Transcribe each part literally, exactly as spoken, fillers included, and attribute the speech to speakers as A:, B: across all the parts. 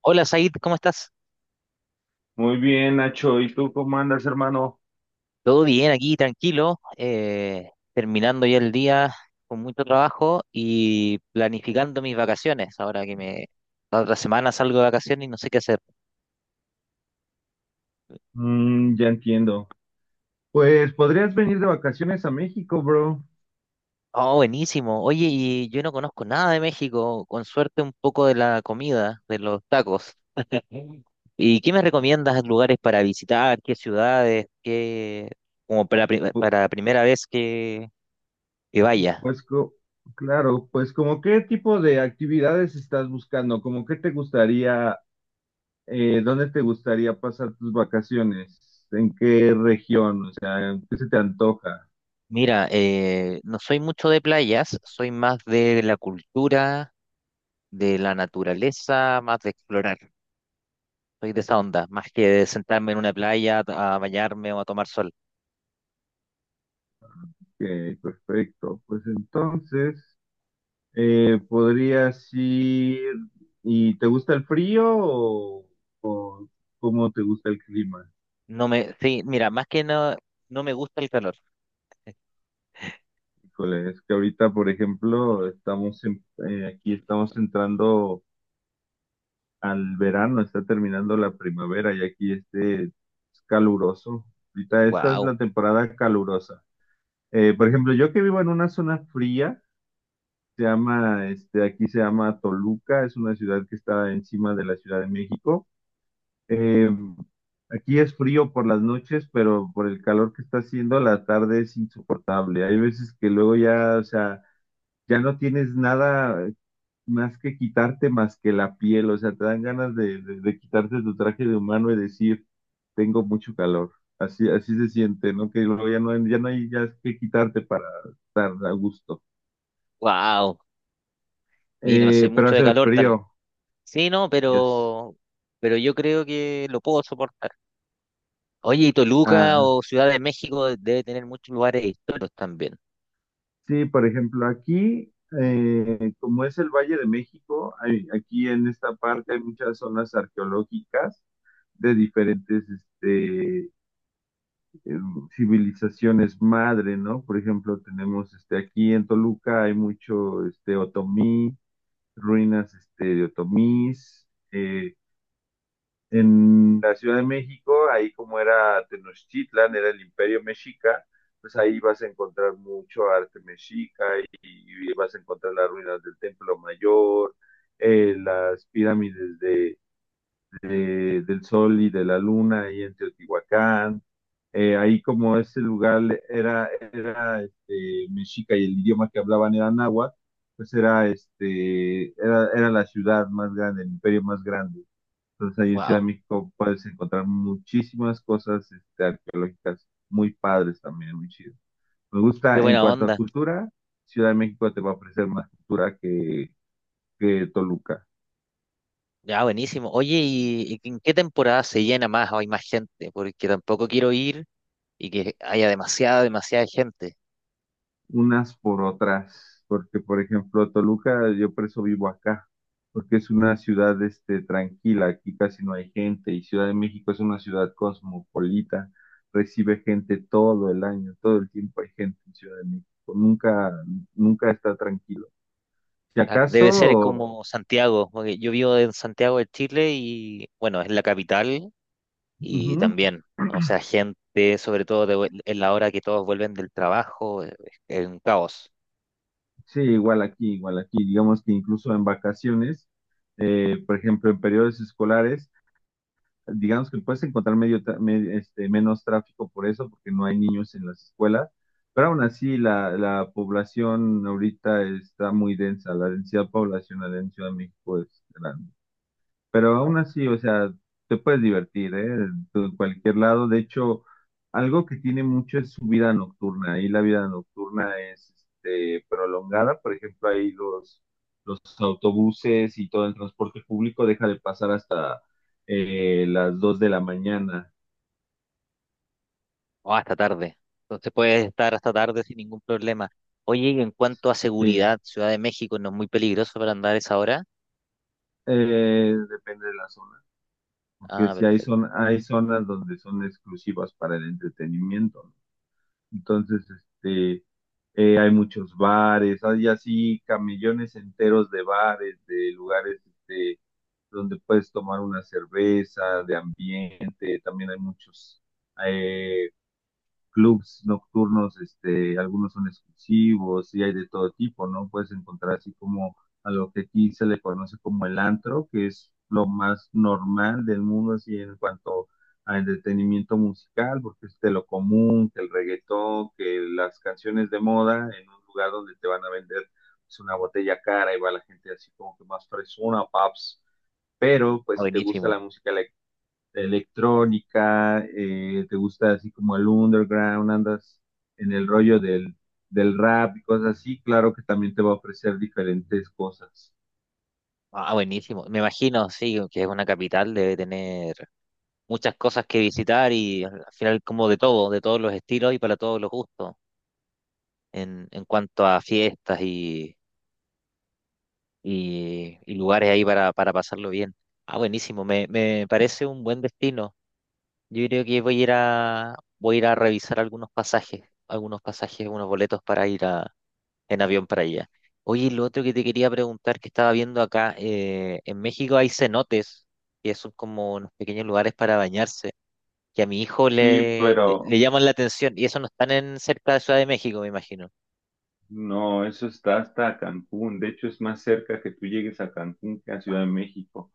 A: Hola, Said, ¿cómo estás?
B: Muy bien, Nacho. ¿Y tú cómo andas, hermano?
A: Todo bien aquí, tranquilo, eh, terminando ya el día con mucho trabajo y planificando mis vacaciones. Ahora que me la otra semana salgo de vacaciones y no sé qué hacer.
B: Mm, ya entiendo. Pues podrías venir de vacaciones a México, bro.
A: Oh, buenísimo. Oye, y yo no conozco nada de México, con suerte un poco de la comida, de los tacos. ¿Y qué me recomiendas lugares para visitar? ¿Qué ciudades? ¿Qué como para, pri-
B: Pu-
A: para primera vez que, que vaya?
B: Pues co- claro, pues como qué tipo de actividades estás buscando, como qué te gustaría, eh, dónde te gustaría pasar tus vacaciones, en qué región, o sea, qué se te antoja.
A: Mira, eh, no soy mucho de playas, soy más de la cultura, de la naturaleza, más de explorar. Soy de esa onda, más que de sentarme en una playa a bañarme o a tomar sol.
B: Ok, perfecto. Pues entonces, Eh, podrías ir, ¿y te gusta el frío o, o cómo te gusta el clima?
A: No me, sí, mira, más que no, no me gusta el calor.
B: Híjole, es que ahorita, por ejemplo, estamos en- eh, aquí estamos entrando al verano, está terminando la primavera y aquí este es caluroso. Ahorita esta es
A: Wow,
B: la temporada calurosa. Eh, por ejemplo, yo que vivo en una zona fría, se llama, este, aquí se llama Toluca, es una ciudad que está encima de la Ciudad de México. Eh, Aquí es frío por las noches, pero por el calor que está haciendo, la tarde es insoportable. Hay veces que luego ya, o sea, ya no tienes nada más que quitarte más que la piel, o sea, te dan ganas de, de- de quitarte tu traje de humano y decir, tengo mucho calor. Así, así se siente, ¿no? Que luego ya no, hay- ya no hay ya que quitarte para estar a gusto.
A: wow. Mira, no soy
B: Eh, pero
A: mucho de
B: hace
A: calor, tal.
B: frío,
A: Sí, no,
B: yes.
A: pero, pero yo creo que lo puedo soportar. Oye, y Toluca
B: Ah,
A: o Ciudad de México debe tener muchos lugares históricos también.
B: sí, por ejemplo, aquí, eh, como es el Valle de México, hay- aquí en esta parte hay muchas zonas arqueológicas de diferentes este, em, civilizaciones madre, ¿no? Por ejemplo, tenemos este, aquí en Toluca hay mucho este, otomí, ruinas este, de otomís, eh, en la Ciudad de México, ahí como era Tenochtitlan, era el imperio mexica, pues ahí vas a encontrar mucho arte mexica y, y vas a encontrar las ruinas del Templo Mayor, eh, las pirámides de de- del Sol y de la Luna ahí en Teotihuacán. Eh, ahí como ese lugar era, era este, mexica y el idioma que hablaban era náhuatl, pues era, este, era, era la ciudad más grande, el imperio más grande. Entonces ahí en Ciudad de
A: Wow,
B: México puedes encontrar muchísimas cosas este, arqueológicas muy padres también, muy chido. Me
A: qué
B: gusta en
A: buena
B: cuanto a
A: onda.
B: cultura, Ciudad de México te va a ofrecer más cultura que, que Toluca.
A: Ya, buenísimo. Oye, ¿y en qué temporada se llena más o hay más gente? Porque tampoco quiero ir y que haya demasiada, demasiada gente.
B: Unas por otras, porque por ejemplo Toluca, yo por eso vivo acá, porque es una ciudad este, tranquila, aquí casi no hay gente, y Ciudad de México es una ciudad cosmopolita, recibe gente todo el año, todo el tiempo hay gente en Ciudad de México, nunca, nunca está tranquilo. Si
A: Ah, debe ser
B: acaso,
A: como Santiago, porque yo vivo en Santiago de Chile y, bueno, es la capital y
B: ujú,
A: también, o sea, gente, sobre todo de vuel- en la hora que todos vuelven del trabajo, eh, es un caos.
B: sí, igual aquí, igual aquí, digamos que incluso en vacaciones, eh, por ejemplo, en periodos escolares, digamos que puedes encontrar medio, me- este, menos tráfico por eso, porque no hay niños en las escuelas, pero aún así la, la población ahorita está muy densa, la densidad poblacional en Ciudad de México es grande. Pero aún
A: Bueno,
B: así, o sea, te puedes divertir, ¿eh? En cualquier lado. De hecho, algo que tiene mucho es su vida nocturna. Y la vida nocturna es este, prolongada. Por ejemplo, ahí los, los autobuses y todo el transporte público deja de pasar hasta eh, las dos de la mañana.
A: o hasta tarde. Entonces puedes estar hasta tarde sin ningún problema. Oye, y en cuanto a
B: Sí,
A: seguridad, Ciudad de México no es muy peligroso para andar a esa hora.
B: Eh, depende de la zona. Porque
A: Ah,
B: si hay,
A: perfecto.
B: zon- hay zonas donde son exclusivas para el entretenimiento, ¿no? Entonces, este, eh, hay muchos bares, hay así camellones enteros de bares, de lugares este, donde puedes tomar una cerveza, de ambiente, también hay muchos. eh, Clubs nocturnos, este, algunos son exclusivos y hay de todo tipo, ¿no? Puedes encontrar así como a lo que aquí se le conoce como el antro, que es lo más normal del mundo así en cuanto a entretenimiento musical, porque es de lo común, que el reggaetón, que las canciones de moda en un lugar donde te van a vender pues, una botella cara y va la gente así como que más fresona, paps. Pero,
A: Ah,
B: pues, si te gusta la
A: buenísimo.
B: música electrónica, eh, te gusta así como el underground, andas en el rollo del, del rap y cosas así, claro que también te va a ofrecer diferentes cosas.
A: Ah, ah, buenísimo. Me imagino, sí, que es una capital, debe tener muchas cosas que visitar y al al final como de todo, de todos los estilos y para todos los gustos, en, en cuanto a fiestas y, y- y lugares ahí para, para pasarlo bien. Ah, buenísimo. Me, me parece un buen destino. Yo creo que voy a ir a, voy a ir a revisar algunos pasajes, algunos pasajes, unos boletos para ir en avión para allá. Oye, lo otro que te quería preguntar, que estaba viendo acá, eh, en México hay cenotes, que son como unos pequeños lugares para bañarse, que a mi hijo
B: Sí,
A: le, le,
B: pero
A: le llaman la atención, y eso no están en cerca de Ciudad de México, me imagino.
B: no, eso está hasta Cancún. De hecho, es más cerca que tú llegues a Cancún que a Ciudad de México.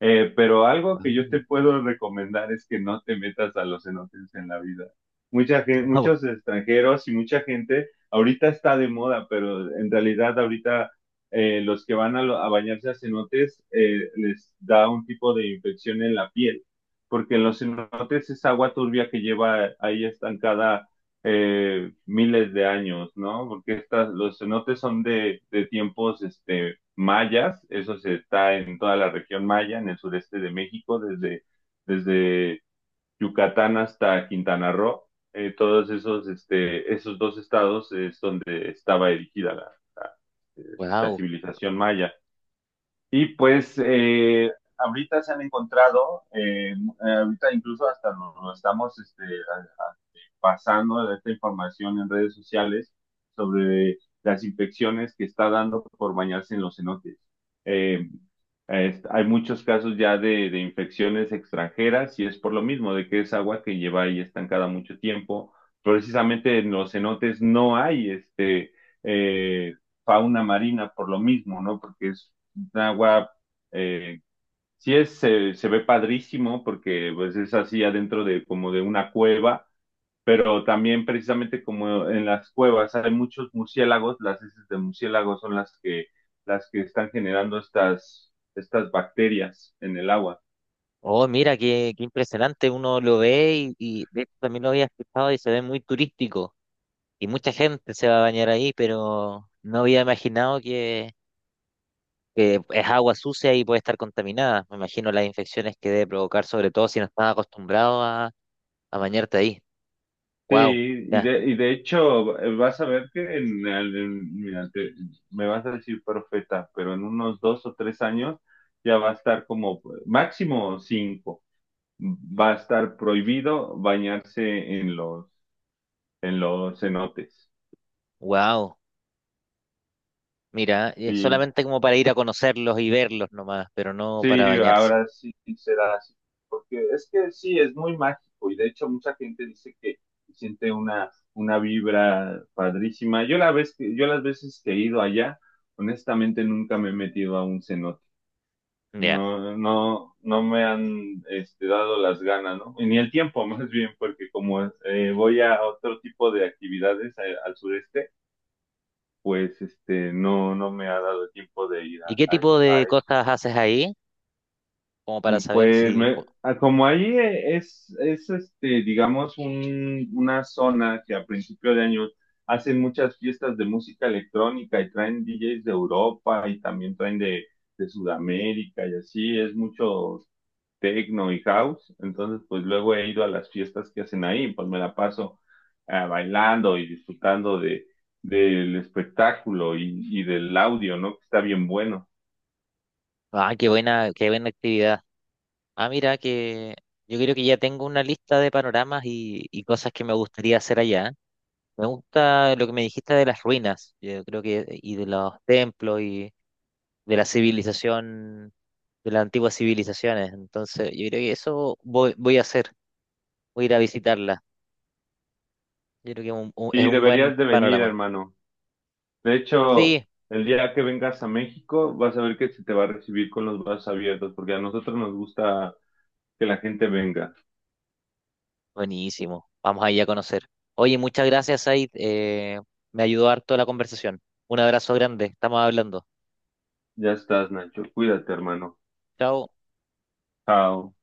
B: Eh, pero algo que yo te puedo recomendar es que no te metas a los cenotes en la vida. Mucha gente,
A: Wow.
B: muchos extranjeros y mucha gente, ahorita está de moda, pero en realidad ahorita eh, los que van a, lo- a bañarse a cenotes eh, les da un tipo de infección en la piel, porque en los cenotes es agua turbia que lleva ahí estancada eh, miles de años, ¿no? Porque estas, los cenotes son de, de tiempos, este mayas, eso se está en toda la región maya, en el sureste de México, desde, desde Yucatán hasta Quintana Roo. Eh, todos esos, este, esos dos estados es donde estaba erigida la, la, eh, la civilización maya. Y pues eh, ahorita se han encontrado, eh, ahorita incluso hasta lo, lo estamos este, a- a- pasando esta información en redes sociales sobre las infecciones que está dando por bañarse en los cenotes. Eh, es- Hay muchos casos ya de, de infecciones extranjeras y es por lo mismo, de que es agua que lleva ahí estancada mucho tiempo. Precisamente en los cenotes no hay este, eh, fauna marina por lo mismo, ¿no? Porque es agua, eh, sí es, se, se ve padrísimo porque pues es así adentro de como de una cueva, pero también precisamente como en las cuevas hay muchos murciélagos, las heces de murciélagos son las que, las que están generando estas, estas bacterias en el agua.
A: Oh, mira, qué, qué impresionante. Uno lo ve y, y de hecho también lo había escuchado y se ve muy turístico. Y mucha gente se va a bañar ahí, pero no había imaginado que, que es agua sucia y puede estar contaminada. Me imagino las infecciones que debe provocar, sobre todo si no estás acostumbrado a, a bañarte ahí.
B: Sí,
A: Wow,
B: y
A: ya,
B: de, y de hecho eh, vas a ver que en, el- en- mira, te- me vas a decir profeta, pero en unos dos o tres años ya va a estar como máximo cinco va a estar prohibido bañarse en los, en los cenotes.
A: wow. Mira, es
B: Sí,
A: solamente como para ir a conocerlos y verlos nomás, pero no para
B: sí,
A: bañarse.
B: ahora sí será así. Porque es que sí, es muy mágico y de hecho mucha gente dice que siente una, una vibra padrísima. Yo la vez que, yo las veces que he ido allá, honestamente nunca me he metido a un cenote.
A: Ya.
B: No, no, no me han este, dado las ganas, ¿no? Ni el tiempo, más bien, porque como eh, voy a otro tipo de actividades a- al sureste, pues este, no, no me ha dado tiempo de ir a,
A: ¿Y qué tipo
B: a-
A: de
B: a eso.
A: cosas haces ahí? Como para
B: Mm,
A: saber
B: pues
A: si...
B: me,
A: po-
B: a- como ahí eh, es, es este, digamos, un, una zona que a principio de año hacen muchas fiestas de música electrónica y traen D Js de Europa y también traen de, de Sudamérica y así, es mucho techno y house, entonces pues luego he ido a las fiestas que hacen ahí, pues me la paso ah, bailando y disfrutando de, del espectáculo y, y del audio, ¿no? Que está bien bueno.
A: Ah, qué buena, qué buena actividad. Ah, mira, que yo creo que ya tengo una lista de panoramas y, y cosas que me gustaría hacer allá. Me gusta lo que me dijiste de las ruinas, yo creo que, y de los templos y, de la civilización, de las antiguas civilizaciones. Entonces, yo creo que eso voy, voy a hacer, voy a ir a visitarla. Yo creo que un- un- es
B: Y
A: un buen
B: deberías de venir,
A: panorama.
B: hermano. De hecho,
A: Sí,
B: el día que vengas a México, vas a ver que se te va a recibir con los brazos abiertos, porque a nosotros nos gusta que la gente venga.
A: buenísimo. Vamos ahí a conocer. Oye, muchas gracias, Said. Eh, me ayudó harto la conversación. Un abrazo grande. Estamos hablando.
B: Ya estás, Nacho. Cuídate, hermano.
A: Chao.
B: Chao.